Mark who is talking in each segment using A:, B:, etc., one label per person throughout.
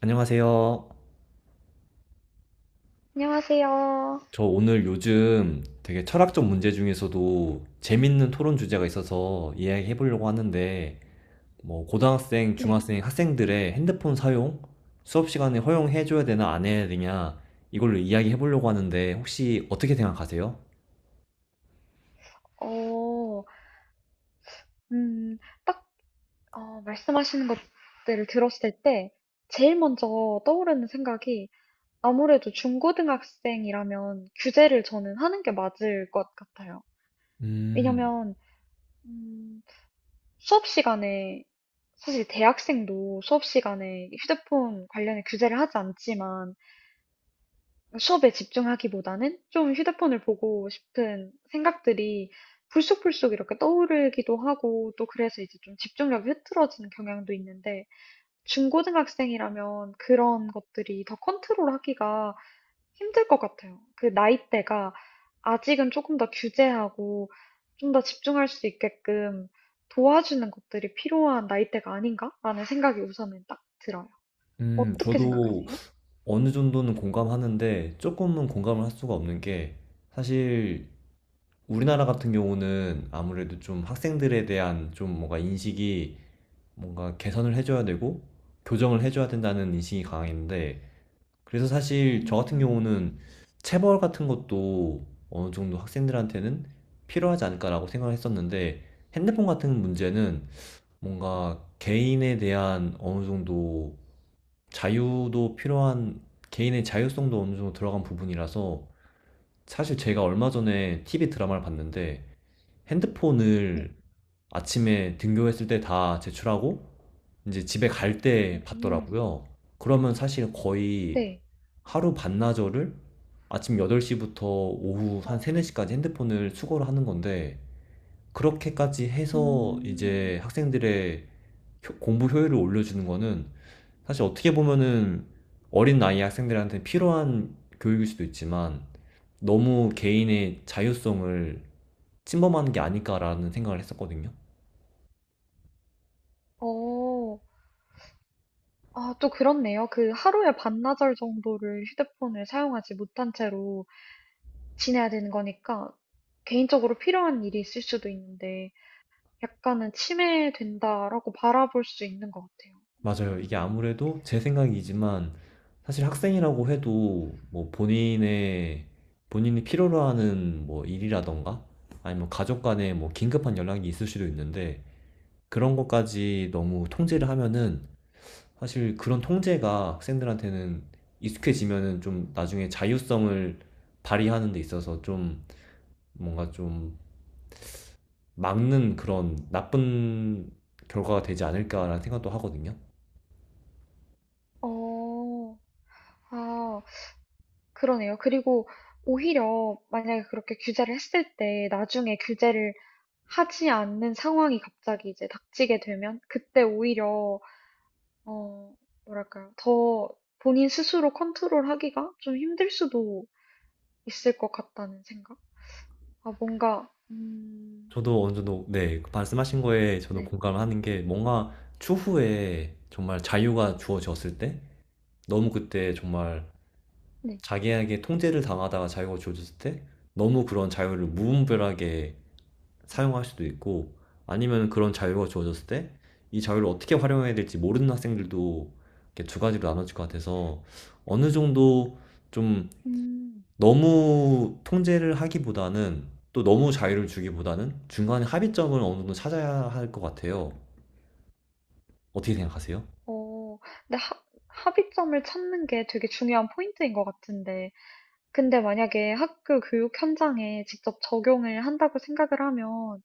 A: 안녕하세요.
B: 안녕하세요.
A: 저 오늘 요즘 되게 철학적 문제 중에서도 재밌는 토론 주제가 있어서 이야기해 보려고 하는데, 뭐, 고등학생,
B: 네.
A: 중학생, 학생들의 핸드폰 사용? 수업 시간에 허용해 줘야 되나 안 해야 되냐? 이걸로 이야기해 보려고 하는데, 혹시 어떻게 생각하세요?
B: 어, 음, 딱, 말씀하시는 것들을 들었을 때, 제일 먼저 떠오르는 생각이, 아무래도 중고등학생이라면 규제를 저는 하는 게 맞을 것 같아요.
A: 음,
B: 왜냐면, 음, 수업 시간에, 사실 대학생도 수업 시간에 휴대폰 관련해 규제를 하지 않지만, 수업에 집중하기보다는 좀 휴대폰을 보고 싶은 생각들이 불쑥불쑥 이렇게 떠오르기도 하고 또 그래서 이제 좀 집중력이 흐트러지는 경향도 있는데 중고등학생이라면 그런 것들이 더 컨트롤하기가 힘들 것 같아요. 그 나이대가 아직은 조금 더 규제하고 좀 더 집중할 수 있게끔 도와주는 것들이 필요한 나이대가 아닌가라는 생각이 우선은 딱 들어요. 어떻게
A: 저도
B: 생각하세요?
A: 어느 정도는 공감하는데, 조금은 공감을 할 수가 없는 게, 사실 우리나라 같은 경우는 아무래도 좀 학생들에 대한 좀 뭔가 인식이, 뭔가 개선을 해줘야 되고 교정을 해줘야 된다는 인식이
B: 네.
A: 강했는데, 그래서 사실 저 같은
B: 음,
A: 경우는 체벌 같은 것도 어느 정도 학생들한테는 필요하지 않을까라고 생각을 했었는데, 핸드폰 같은 문제는 뭔가 개인에 대한 어느 정도 자유도 필요한, 개인의 자율성도 어느 정도 들어간 부분이라서. 사실 제가 얼마 전에 TV 드라마를 봤는데,
B: 네.
A: 핸드폰을 아침에 등교했을 때 다 제출하고 이제 집에 갈
B: 오.
A: 때 받더라고요. 그러면 사실 거의
B: 네.
A: 하루 반나절을, 아침 8시부터 오후
B: 어.
A: 한 3, 4시까지 핸드폰을 수거를 하는 건데, 그렇게까지 해서
B: 음.
A: 이제 학생들의 공부 효율을 올려주는 거는 사실 어떻게 보면은 어린 나이 학생들한테 필요한 교육일 수도 있지만, 너무 개인의 자유성을 침범하는 게 아닐까라는 생각을 했었거든요.
B: 어. 아 또 그렇네요. 그 하루에 반나절 정도를 휴대폰을 사용하지 못한 채로 지내야 되는 거니까 개인적으로 필요한 일이 있을 수도 있는데 약간은 '침해된다.'라고 바라볼 수 있는 것 같아요.
A: 맞아요. 이게
B: 음.
A: 아무래도 제 생각이지만 사실 학생이라고 해도 뭐 본인의 본인이 필요로 하는 뭐 일이라던가, 아니면 가족 간에 뭐 긴급한 연락이 있을 수도 있는데, 그런 것까지 너무 통제를 하면은 사실 그런 통제가 학생들한테는 익숙해지면은 좀 나중에 자율성을 발휘하는 데 있어서 좀 뭔가 좀 막는, 그런 나쁜 결과가 되지 않을까라는 생각도 하거든요.
B: 어. 아 그러네요. 그리고 오히려 만약에 그렇게 규제를 했을 때 나중에 규제를 하지 않는 상황이 갑자기 이제 닥치게 되면 그때 오히려 어, 뭐랄까요. 더 본인 스스로 컨트롤하기가 좀 힘들 수도 있을 것 같다는 생각? 아, 뭔가,
A: 저도 어느 정도, 네. 그 말씀하신 거에 저도
B: 네,
A: 공감을 하는 게, 뭔가 추후에 정말 자유가 주어졌을 때, 너무 그때 정말
B: 네.
A: 자기에게 통제를 당하다가 자유가 주어졌을 때 너무 그런 자유를 무분별하게 사용할 수도 있고, 아니면 그런 자유가 주어졌을 때 이 자유를 어떻게 활용해야 될지 모르는 학생들도, 이렇게 두 가지로 나눠질 것 같아서, 어느 정도 좀
B: 음,
A: 너무 통제를 하기보다는 또 너무 자유를 주기보다는 중간에 합의점을 어느 정도 찾아야 할 것 같아요. 어떻게 생각하세요?
B: 어, 근데 합의점을 찾는 게 되게 중요한 포인트인 것 같은데. 근데 만약에 학교 교육 현장에 직접 적용을 한다고 생각을 하면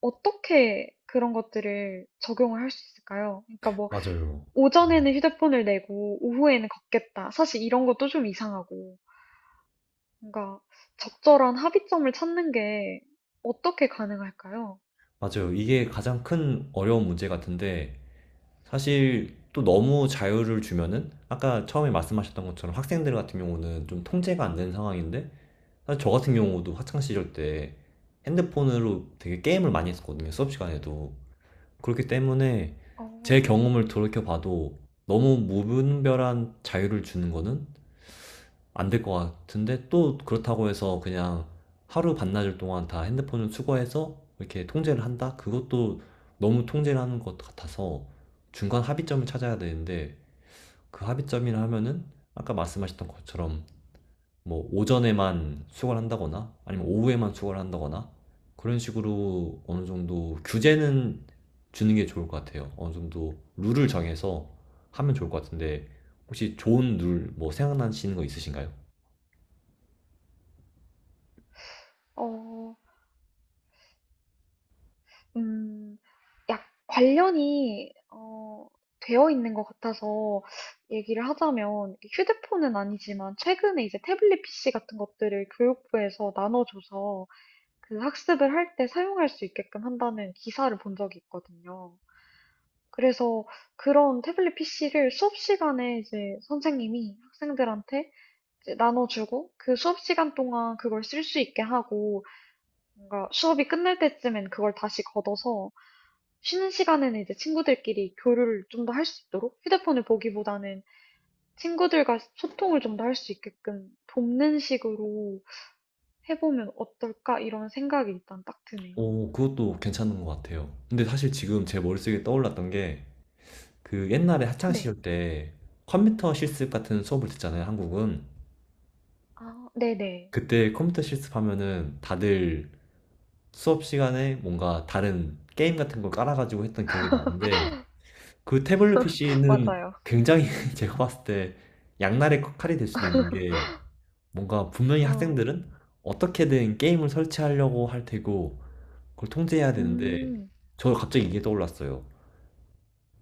B: 어떻게 그런 것들을 적용을 할 수 있을까요? 그러니까 뭐,
A: 맞아요. 네.
B: 오전에는 휴대폰을 내고 오후에는 걷겠다. 사실 이런 것도 좀 이상하고. 뭔가 적절한 합의점을 찾는 게 어떻게 가능할까요?
A: 맞아요. 이게 가장 큰 어려운 문제 같은데, 사실 또 너무 자유를 주면은 아까 처음에 말씀하셨던 것처럼 학생들 같은 경우는 좀 통제가 안 되는 상황인데, 사실 저 같은 경우도 학창 시절 때 핸드폰으로 되게 게임을 많이 했었거든요. 수업 시간에도. 그렇기 때문에
B: 어,
A: 제 경험을 돌이켜봐도 너무 무분별한 자유를 주는 거는 안 될 것 같은데, 또 그렇다고 해서 그냥 하루 반나절 동안 다 핸드폰을 수거해서 이렇게 통제를 한다? 그것도 너무 통제를 하는 것 같아서 중간 합의점을 찾아야 되는데, 그 합의점이라 하면은 아까 말씀하셨던 것처럼 뭐 오전에만 수거를 한다거나 아니면 오후에만 수거를 한다거나 그런 식으로 어느 정도 규제는 주는 게 좋을 것 같아요. 어느 정도 룰을 정해서 하면 좋을 것 같은데, 혹시 좋은 룰 뭐 생각나시는 거 있으신가요?
B: 어, 음, 약 관련이 되어 있는 것 같아서 얘기를 하자면 휴대폰은 아니지만 최근에 이제 태블릿 PC 같은 것들을 교육부에서 나눠줘서 그 학습을 할 때 사용할 수 있게끔 한다는 기사를 본 적이 있거든요. 그래서 그런 태블릿 PC를 수업 시간에 이제 선생님이 학생들한테 이제 나눠주고 그 수업 시간 동안 그걸 쓸 수 있게 하고 뭔가 수업이 끝날 때쯤엔 그걸 다시 걷어서 쉬는 시간에는 이제 친구들끼리 교류를 좀 더 할 수 있도록 휴대폰을 보기보다는 친구들과 소통을 좀 더 할 수 있게끔 돕는 식으로 해보면 어떨까 이런 생각이 일단 딱 드네요.
A: 오, 그것도 괜찮은 것 같아요. 근데 사실 지금 제 머릿속에 떠올랐던 게, 그 옛날에
B: 네.
A: 학창시절 때 컴퓨터 실습 같은 수업을 듣잖아요, 한국은.
B: 아, 네네.
A: 그때 컴퓨터 실습하면은 다들 수업 시간에 뭔가 다른 게임 같은 걸 깔아 가지고 했던 기억이 나는데, 그 태블릿 PC는
B: 맞아요.
A: 굉장히, 제가 봤을 때 양날의 칼이 될 수도 있는 게, 뭔가 분명히
B: 어,
A: 학생들은 어떻게든 게임을 설치하려고 할 테고 그걸 통제해야 되는데.
B: 음,
A: 저 갑자기 이게 떠올랐어요.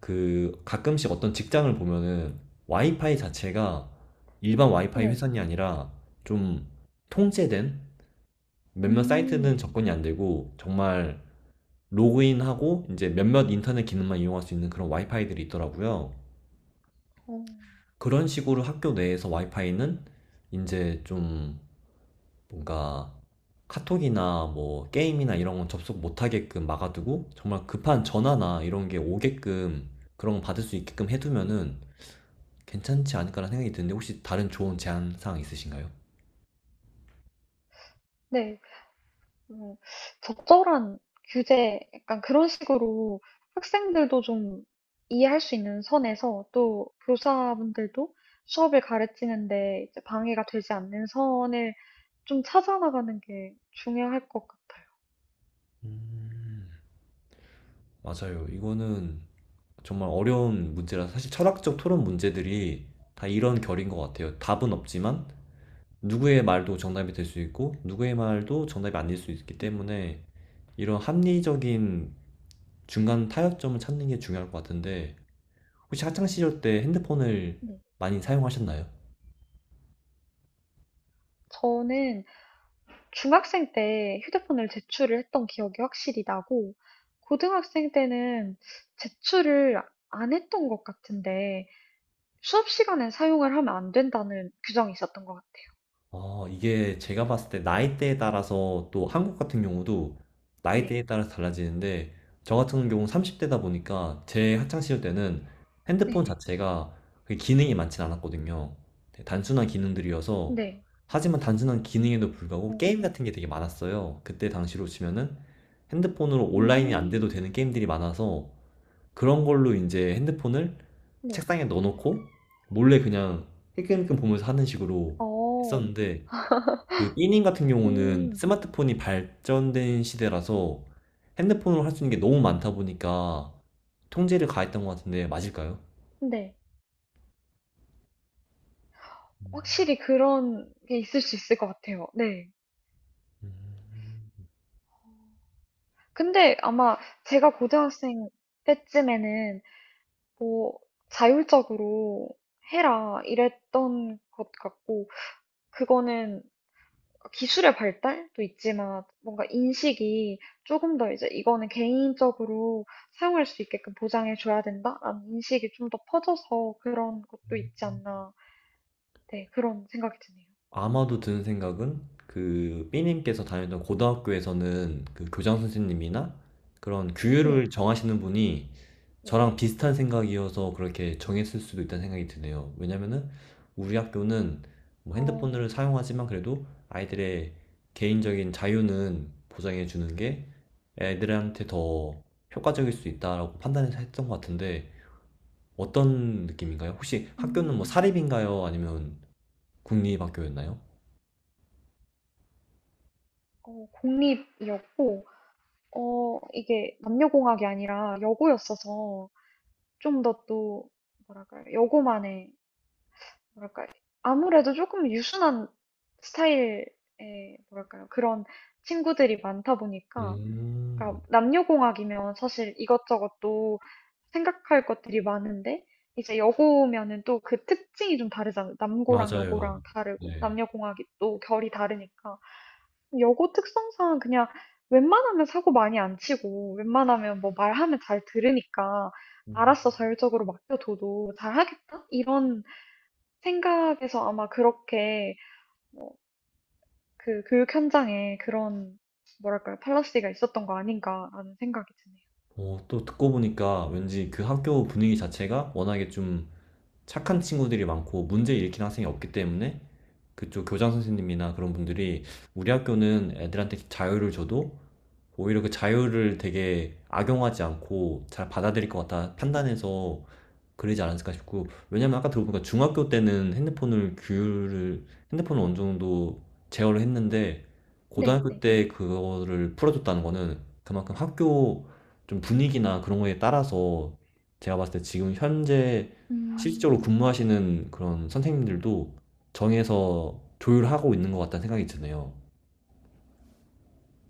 A: 그 가끔씩 어떤 직장을 보면은 와이파이 자체가 일반 와이파이
B: 네.
A: 회선이 아니라 좀 통제된, 몇몇
B: 음,
A: 사이트는 접근이 안 되고, 정말 로그인하고 이제 몇몇 인터넷 기능만 이용할 수 있는 그런 와이파이들이 있더라고요.
B: 어,
A: 그런 식으로 학교 내에서 와이파이는 이제 좀 뭔가 카톡이나 뭐 게임이나 이런 건 접속 못하게끔 막아두고, 정말 급한 전화나 이런 게 오게끔 그런 거 받을 수 있게끔 해두면은 괜찮지 않을까라는 생각이 드는데, 혹시 다른 좋은 제안 사항 있으신가요?
B: 네. 뭐 적절한 규제, 약간 그런 식으로 학생들도 좀 이해할 수 있는 선에서 또 교사분들도 수업을 가르치는데 이제 방해가 되지 않는 선을 좀 찾아나가는 게 중요할 것 같아요.
A: 맞아요. 이거는 정말 어려운 문제라, 사실 철학적 토론 문제들이 다 이런 결인 것 같아요. 답은 없지만 누구의 말도 정답이 될 수 있고, 누구의 말도 정답이 아닐 수 있기
B: 음,
A: 때문에, 이런 합리적인 중간 타협점을 찾는 게 중요할 것 같은데, 혹시 학창 시절 때 핸드폰을
B: 네.
A: 많이 사용하셨나요?
B: 저는 중학생 때 휴대폰을 제출을 했던 기억이 확실히 나고, 고등학생 때는 제출을 안 했던 것 같은데, 수업 시간에 사용을 하면 안 된다는 규정이 있었던 것 같아요.
A: 어, 이게 제가 봤을 때 나이대에 따라서, 또 한국 같은 경우도
B: 네.
A: 나이대에 따라서 달라지는데, 저 같은 경우는 30대다 보니까 제 학창 시절 때는 핸드폰
B: 네.
A: 자체가 그 기능이 많진 않았거든요. 되게 단순한 기능들이어서.
B: 네.
A: 하지만 단순한 기능에도 불구하고 게임
B: 어.
A: 같은 게 되게 많았어요. 그때 당시로 치면은 핸드폰으로 온라인이 안 돼도
B: 음.
A: 되는 게임들이 많아서, 그런 걸로 이제 핸드폰을
B: 네.
A: 책상에 넣어놓고 몰래 그냥 힐끔힐끔 보면서 하는 식으로
B: 어.
A: 했었는데, 그 E님 같은 경우는
B: 음.
A: 스마트폰이 발전된 시대라서 핸드폰으로 할 수 있는 게 너무 많다 보니까 통제를 가했던 것 같은데, 맞을까요?
B: 네. 확실히 그런 게 있을 수 있을 것 같아요. 네. 근데 아마 제가 고등학생 때쯤에는 뭐 자율적으로 해라 이랬던 것 같고 그거는 기술의 발달도 있지만 뭔가 인식이 조금 더 이제 이거는 개인적으로 사용할 수 있게끔 보장해 줘야 된다라는 인식이 좀 더 퍼져서 그런 것도 있지 않나. 네, 그런 생각이 드네요.
A: 아마도 드는 생각은, 그 B님께서 다녔던 고등학교에서는 그 교장 선생님이나 그런
B: 네,
A: 규율을 정하시는 분이
B: 네.
A: 저랑 비슷한 생각이어서 그렇게 정했을 수도 있다는 생각이 드네요. 왜냐면은 우리 학교는 뭐
B: 어,
A: 핸드폰을 사용하지만 그래도 아이들의 개인적인 자유는 보장해 주는 게 애들한테 더 효과적일 수 있다라고 판단해서 했던 것 같은데, 어떤 느낌인가요? 혹시 학교는 뭐
B: 음,
A: 사립인가요? 아니면 국립학교였나요?
B: 공립이었고, 이게 남녀공학이 아니라 여고였어서 좀 더 또, 뭐랄까요, 여고만의 뭐랄까, 아무래도 조금 유순한 스타일의, 뭐랄까요, 그런 친구들이 많다 보니까,
A: 음,
B: 그러니까 남녀공학이면 사실 이것저것 또 생각할 것들이 많은데, 이제 여고면은 또 그 특징이 좀 다르잖아요. 남고랑
A: 맞아요.
B: 여고랑 다르고,
A: 네.
B: 남녀공학이 또 결이 다르니까. 여고 특성상 그냥 웬만하면 사고 많이 안 치고, 웬만하면 뭐 말하면 잘 들으니까, 알았어, 자율적으로 맡겨둬도 잘하겠다? 이런 생각에서 아마 그렇게 그 교육 현장에 그런 뭐랄까요 팔라시가 있었던 거 아닌가라는 생각이 드네요.
A: 어, 또 듣고 보니까 왠지 그 학교 분위기 자체가 워낙에 좀 착한 친구들이 많고 문제 일으키는 학생이 없기 때문에 그쪽 교장 선생님이나 그런 분들이, 우리 학교는 애들한테 자유를 줘도 오히려 그 자유를 되게 악용하지 않고 잘 받아들일 것 같다 판단해서 그러지 않았을까 싶고, 왜냐면 아까 들어보니까 중학교 때는 핸드폰을 어느 정도 제어를 했는데
B: 네,
A: 고등학교
B: 네.
A: 때 그거를 풀어줬다는 거는, 그만큼 학교 좀 분위기나 그런 거에 따라서, 제가 봤을 때 지금 현재
B: 음.
A: 실질적으로 근무하시는 그런 선생님들도 정해서 조율하고 있는 것 같다는 생각이 드네요.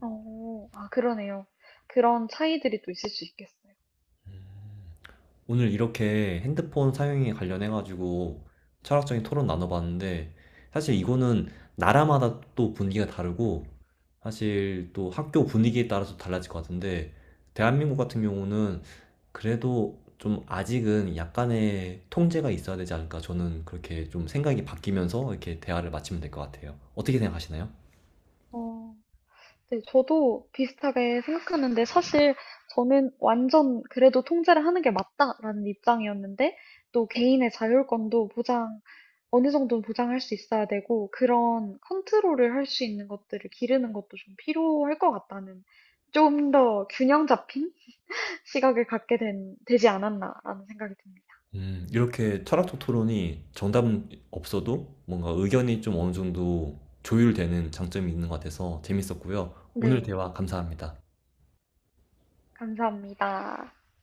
B: 아 그러네요. 그런 차이들이 또 있을 수 있겠어요.
A: 오늘 이렇게 핸드폰 사용에 관련해가지고 철학적인 토론 나눠봤는데, 사실 이거는 나라마다 또 분위기가 다르고, 사실 또 학교 분위기에 따라서 달라질 것 같은데, 대한민국 같은 경우는 그래도 좀 아직은 약간의 통제가 있어야 되지 않을까. 저는 그렇게 좀 생각이 바뀌면서 이렇게 대화를 마치면 될 것 같아요. 어떻게 생각하시나요?
B: 어. 네, 저도 비슷하게 생각하는데 사실 저는 완전 그래도 통제를 하는 게 맞다라는 입장이었는데 또 개인의 자율권도 보장, 어느 정도는 보장할 수 있어야 되고 그런 컨트롤을 할 수 있는 것들을 기르는 것도 좀 필요할 것 같다는 좀 더 균형 잡힌 시각을 갖게 된, 되지 않았나라는 생각이 듭니다.
A: 이렇게 철학적 토론이 정답은 없어도 뭔가 의견이 좀 어느 정도 조율되는 장점이 있는 것 같아서 재밌었고요. 오늘
B: 네,
A: 대화 감사합니다.
B: 감사합니다.